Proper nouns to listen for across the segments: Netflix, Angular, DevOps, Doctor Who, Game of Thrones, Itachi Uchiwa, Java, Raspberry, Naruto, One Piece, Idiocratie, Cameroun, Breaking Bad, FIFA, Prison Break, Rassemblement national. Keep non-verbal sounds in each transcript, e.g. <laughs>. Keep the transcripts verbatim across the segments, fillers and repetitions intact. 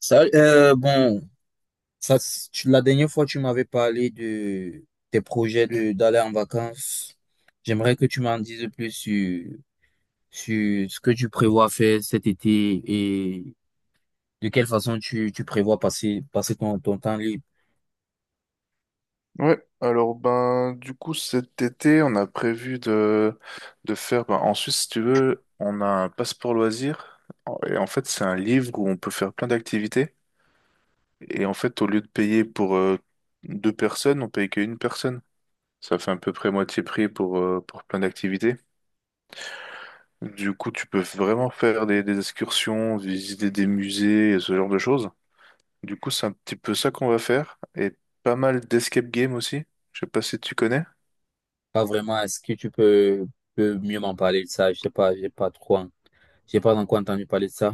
Ça, euh, bon, ça, s- tu- la dernière fois, tu m'avais parlé de tes projets de, d'aller en vacances. J'aimerais que tu m'en dises plus sur, sur ce que tu prévois faire cet été et de quelle façon tu, tu prévois passer, passer ton, ton temps libre. Ouais, alors ben du coup cet été on a prévu de, de faire ben, en Suisse si tu veux on a un passeport loisir, et en fait c'est un livre où on peut faire plein d'activités, et en fait au lieu de payer pour euh, deux personnes, on paye qu'une personne. Ça fait à peu près moitié prix pour, euh, pour plein d'activités. Du coup tu peux vraiment faire des, des excursions, visiter des musées et ce genre de choses. Du coup c'est un petit peu ça qu'on va faire, et pas mal d'escape game aussi, je sais pas si tu connais. Pas vraiment, est-ce que tu peux, peux mieux m'en parler de ça? Je sais pas, j'ai pas trop, en- j'ai pas encore entendu parler de ça.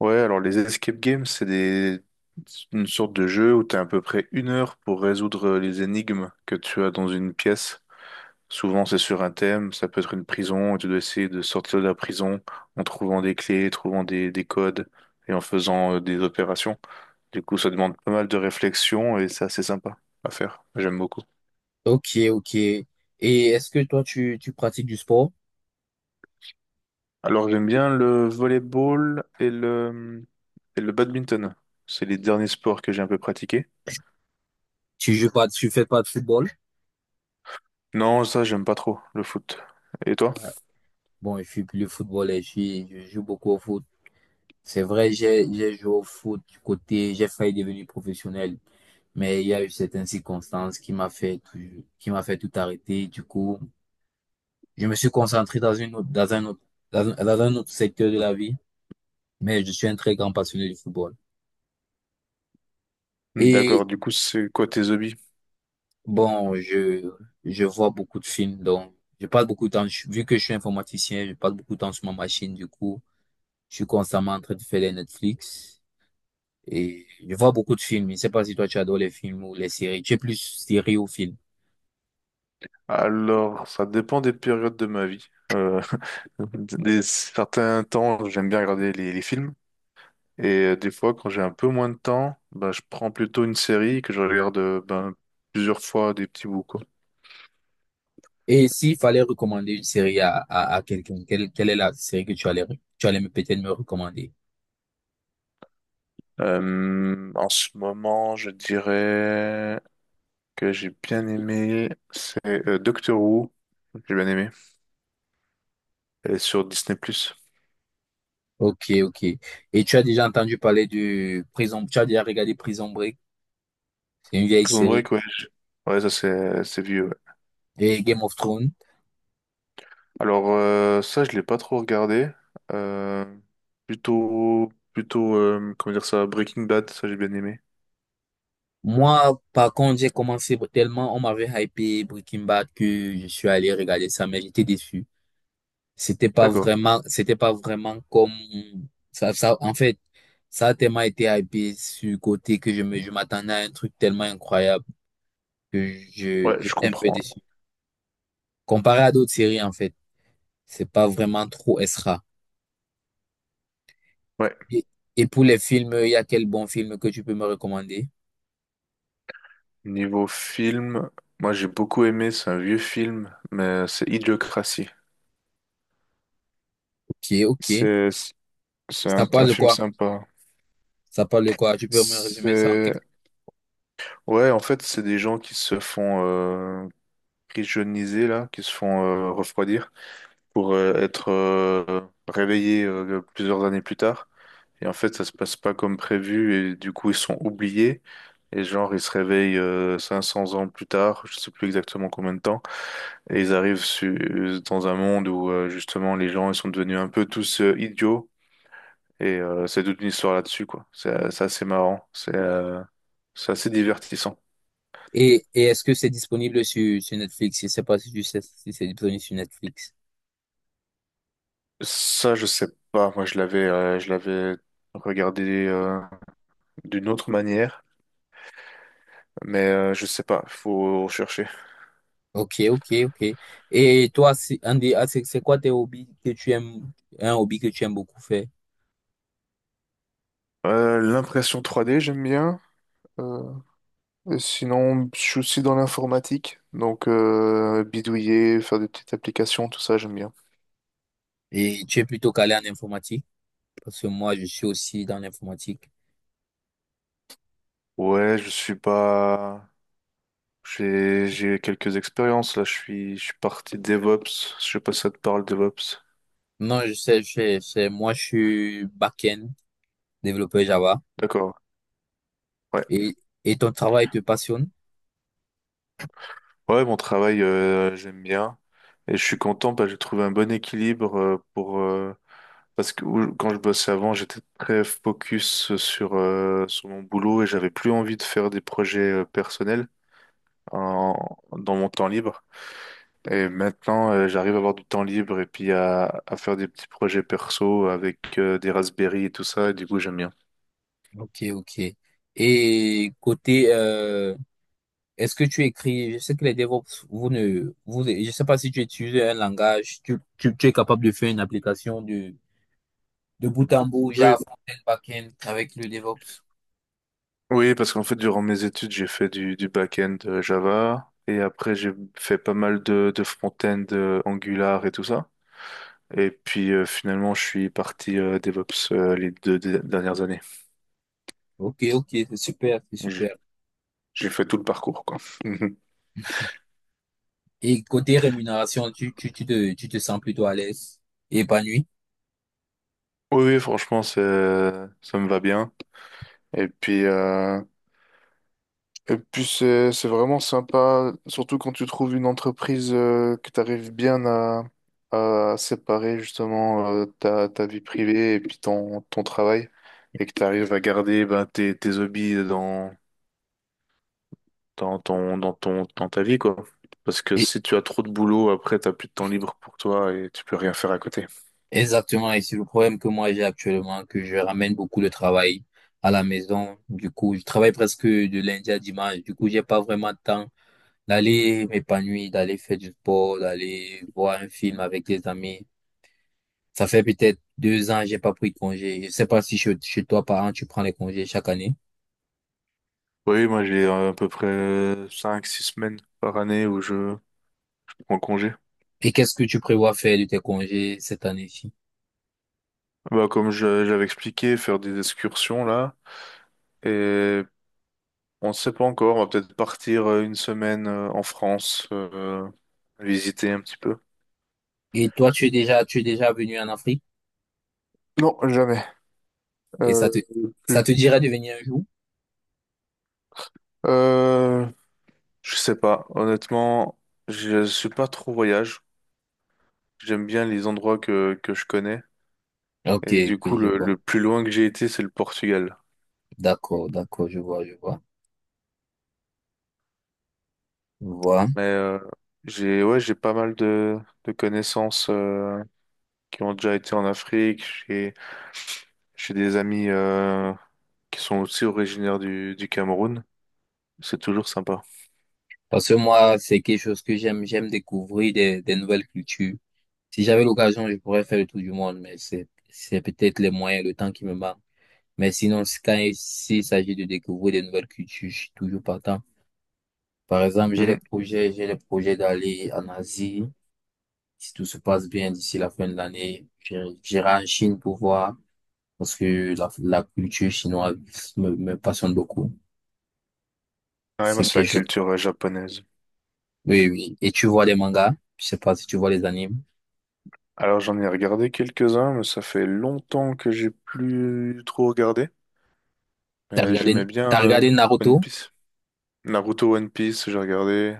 Ouais, alors les escape games, c'est des... une sorte de jeu où tu as à peu près une heure pour résoudre les énigmes que tu as dans une pièce. Souvent, c'est sur un thème, ça peut être une prison, et tu dois essayer de sortir de la prison en trouvant des clés, trouvant des, des codes et en faisant euh, des opérations. Du coup, ça demande pas mal de réflexion et c'est assez sympa à faire. J'aime beaucoup. Ok, ok. Et est-ce que toi, tu, tu pratiques du sport? Alors, j'aime bien le volleyball et le, et le badminton. C'est les derniers sports que j'ai un peu pratiqués. Tu joues pas, tu fais pas de football? Non, ça, j'aime pas trop, le foot. Et toi? Ah, Bon, je suis plus le football et je, suis- je joue beaucoup au foot. C'est vrai, j'ai, j'ai joué au foot du côté, j'ai failli devenir professionnel, mais il y a eu certaines circonstances qui m'a fait, tout- qui m'a fait tout arrêter. Du coup, je me suis concentré dans une autre, dans un autre, dans un, dans un autre secteur de la vie, mais je suis un très grand passionné du football. Et D'accord, du coup, c'est quoi tes hobbies? bon, je, je vois beaucoup de films, donc je passe beaucoup de temps, je- vu que je suis informaticien, je passe beaucoup de temps sur ma machine. Du coup, je suis constamment en train de faire les Netflix et je vois beaucoup de films. Je ne sais pas si toi tu adores les films ou les séries, tu es plus série ou film. Alors, ça dépend des périodes de ma vie. Euh, <laughs> des certains temps, j'aime bien regarder les, les films. Et euh, des fois, quand j'ai un peu moins de temps, bah, je prends plutôt une série que je regarde euh, ben, plusieurs fois des petits bouts, quoi. Et s'il fallait recommander une série à, à, à quelqu'un, quelle, quelle est la série que tu allais, re- tu allais me- peut-être me recommander? Euh, en ce moment, je dirais que j'ai bien aimé, c'est euh, Doctor Who. J'ai bien aimé. Et sur Disney+. Prison Ok, ok. Et tu as déjà entendu parler de Prison, tu as déjà regardé Prison Break, c'est une vieille série, Break, ouais. Ouais, ça, c'est c'est vieux. et Game of Thrones. Alors euh, ça, je l'ai pas trop regardé. Euh, plutôt, plutôt, euh, comment dire ça, Breaking Bad, ça j'ai bien aimé. Moi, par contre, j'ai commencé tellement, on m'avait hypé Breaking Bad que je suis allé regarder ça, mais j'étais déçu. C'était pas D'accord. vraiment, c'était pas vraiment comme ça, ça, en fait, ça a tellement été hypé sur le côté que je me, je m'attendais à un truc tellement incroyable que je, Ouais, je j'étais un peu comprends. déçu. Comparé à d'autres séries, en fait, c'est pas vraiment trop extra. Ouais. Et, et pour les films, il y a quel bon film que tu peux me recommander? Niveau film, moi j'ai beaucoup aimé. C'est un vieux film, mais c'est Idiocratie. Ok, ok. C'est, c'est Ça un, un parle de film quoi? sympa. Ça parle de quoi? Tu peux me résumer ça en C'est, quelques. ouais, en fait, c'est des gens qui se font euh, pigeonniser là, qui se font euh, refroidir, pour euh, être euh, réveillés euh, plusieurs années plus tard. Et en fait, ça se passe pas comme prévu et du coup, ils sont oubliés. Et genre, ils se réveillent euh, cinq cents ans plus tard, je sais plus exactement combien de temps, et ils arrivent su- euh, dans un monde où euh, justement les gens ils sont devenus un peu tous euh, idiots. Et euh, c'est toute une histoire là-dessus, quoi. C'est c'est assez marrant, c'est euh, c'est assez divertissant. Et, et est-ce que c'est disponible sur, sur Netflix? Je sais pas si tu sais si c'est disponible sur Netflix. Ça, je sais pas. Moi, je l'avais euh, je l'avais regardé euh, d'une autre manière. Mais euh, je sais pas, faut rechercher. Ok, ok, ok. Et toi, si- Andy, ah, c'est c'est quoi tes hobbies que tu aimes, un hobby que tu aimes beaucoup faire? Euh, l'impression trois D, j'aime bien. Euh, et sinon, je suis aussi dans l'informatique, donc euh, bidouiller, faire des petites applications, tout ça, j'aime bien. Et tu es plutôt calé en informatique? Parce que moi, je suis aussi dans l'informatique. Ouais, je suis pas. J'ai j'ai quelques expériences là. Je suis je suis parti DevOps. Je sais pas si ça te parle DevOps. Non, je sais, je sais, je sais. Moi, je suis back-end, développeur Java. D'accord. Ouais. Et, et ton travail te passionne? Ouais, mon travail euh, j'aime bien, et je suis content parce que j'ai trouvé un bon équilibre euh, pour euh, Parce que où- quand je bossais avant, j'étais très focus sur, euh, sur mon boulot et j'avais plus envie de faire des projets euh, personnels en- dans mon temps libre. Et maintenant, euh, j'arrive à avoir du temps libre et puis à, à faire des petits projets perso avec euh, des Raspberry et tout ça. Et du coup, j'aime bien. Ok, ok. Et côté, euh, est-ce que tu écris, je sais que les DevOps, vous ne, vous, je sais pas si tu utilises un langage, tu, tu, tu es capable de faire une application de, de bout en bout, Oui. Java, front-end, back-end, avec le DevOps. Oui, parce qu'en fait, durant mes études, j'ai fait du, du back-end euh, Java et après, j'ai fait pas mal de, de front-end euh, Angular et tout ça. Et puis euh, finalement, je suis parti euh, DevOps euh, les deux dé- dernières années. Ok, ok, c'est super, c'est J'ai super. j'ai fait tout le parcours, quoi. <laughs> Et côté rémunération, tu, tu, tu te, tu te sens plutôt à l'aise et épanoui. Oui, oui, franchement, c'est- ça me va bien. Et puis, euh, et puis c'est c'est vraiment sympa, surtout quand tu trouves une entreprise euh, que tu arrives bien à, à séparer justement euh, ta, ta vie privée et puis ton, ton travail, et que tu arrives à garder ben, tes, tes hobbies dans, dans ton, dans ton, dans ta vie, quoi. Parce que Et, si tu as trop de boulot, après, t'as plus de temps libre pour toi et tu peux rien faire à côté. exactement, et c'est le problème que moi j'ai actuellement, que je ramène beaucoup de travail à la maison. Du coup, je travaille presque de lundi à dimanche. Du coup, j'ai pas vraiment de temps d'aller m'épanouir, d'aller faire du sport, d'aller voir un film avec des amis. Ça fait peut-être deux ans, j'ai pas pris de congé. Je sais pas si chez, chez toi, parents, tu prends les congés chaque année. Oui, moi, j'ai euh, à peu près euh, cinq six semaines par année où je prends congé. Et qu'est-ce que tu prévois faire de tes congés cette année-ci? Bah, comme je, j'avais expliqué, faire des excursions, là. Et on ne sait pas encore, on va peut-être partir euh, une semaine euh, en France, euh, visiter un petit peu. Et toi, tu es déjà, tu es déjà venu en Afrique Non, jamais. et ça Euh, te, ça Plus. te dirait de venir un jour? Euh, je sais pas. Honnêtement, je suis pas trop voyage. J'aime bien les endroits que, que je connais. Ok, Et du ok, coup, je le, vois. le plus loin que j'ai été, c'est le Portugal. D'accord, d'accord, je vois, je vois. Je vois. Mais euh, j'ai ouais, j'ai pas mal de, de connaissances euh, qui ont déjà été en Afrique. J'ai j'ai des amis euh, qui sont aussi originaires du, du Cameroun. C'est toujours sympa. <laughs> Parce que moi, c'est quelque chose que j'aime, j'aime découvrir des, des nouvelles cultures. Si j'avais l'occasion, je pourrais faire le tour du monde, mais c'est, c'est peut-être les moyens, le temps qui me manque. Mais sinon, si- quand il s'il s'agit de découvrir des nouvelles cultures, je suis toujours partant. Par exemple, j'ai des Mhm. projets, j'ai des projets d'aller en Asie. Si tout se passe bien d'ici la fin de l'année, j'irai j'irai en Chine pour voir, parce que la, la culture chinoise me, me passionne beaucoup. Ouais, moi, C'est c'est la quelque chose. culture euh, japonaise. Oui, oui. Et tu vois des mangas? Je sais pas si tu vois les animes. Alors, j'en ai regardé quelques-uns, mais ça fait longtemps que j'ai plus trop regardé. T'as Mais regardé, j'aimais bien t'as euh, regardé One Naruto? Piece. Naruto One Piece, j'ai regardé.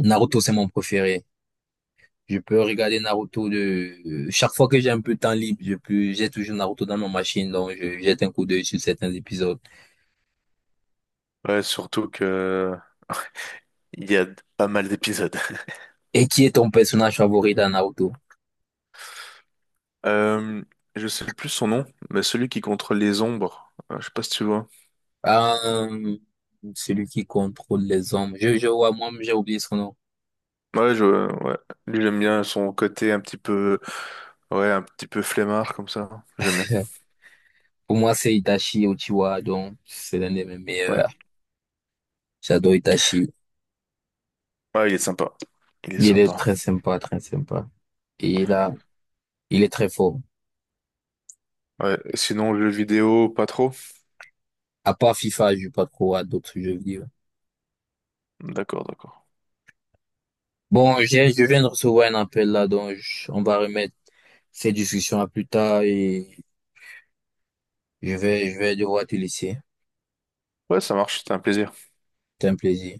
Naruto, c'est mon préféré. Je peux regarder Naruto de... Chaque fois que j'ai un peu de temps libre, je peux... j'ai toujours Naruto dans ma machine, donc je jette un coup d'œil sur certains épisodes. Ouais, surtout que il y a pas mal d'épisodes. <laughs> Et qui est ton personnage favori dans Naruto? Euh, je sais plus son nom, mais celui qui contrôle les ombres, euh, je sais pas si tu vois. Euh, Celui qui contrôle les hommes. Je, je vois, moi, j'ai oublié son nom. Ouais, je, ouais. Lui, j'aime bien son côté un petit peu, ouais, un petit peu flemmard comme ça. J'aime bien. <laughs> Pour moi, c'est Itachi Uchiwa, donc c'est l'un de mes Ouais, meilleurs. J'adore Itachi. ouais, il est sympa. Il est Il est sympa. très sympa, très sympa. Et là, il est très fort. Ouais. Sinon, le jeu vidéo, pas trop. À part FIFA, je joue pas trop à d'autres jeux vidéo. D'accord, d'accord. Bon, j'ai- je viens de recevoir un appel là, donc je- on va remettre cette discussion à plus tard et je vais, je vais devoir te laisser. Ouais, ça marche. C'était un plaisir. C'est un plaisir.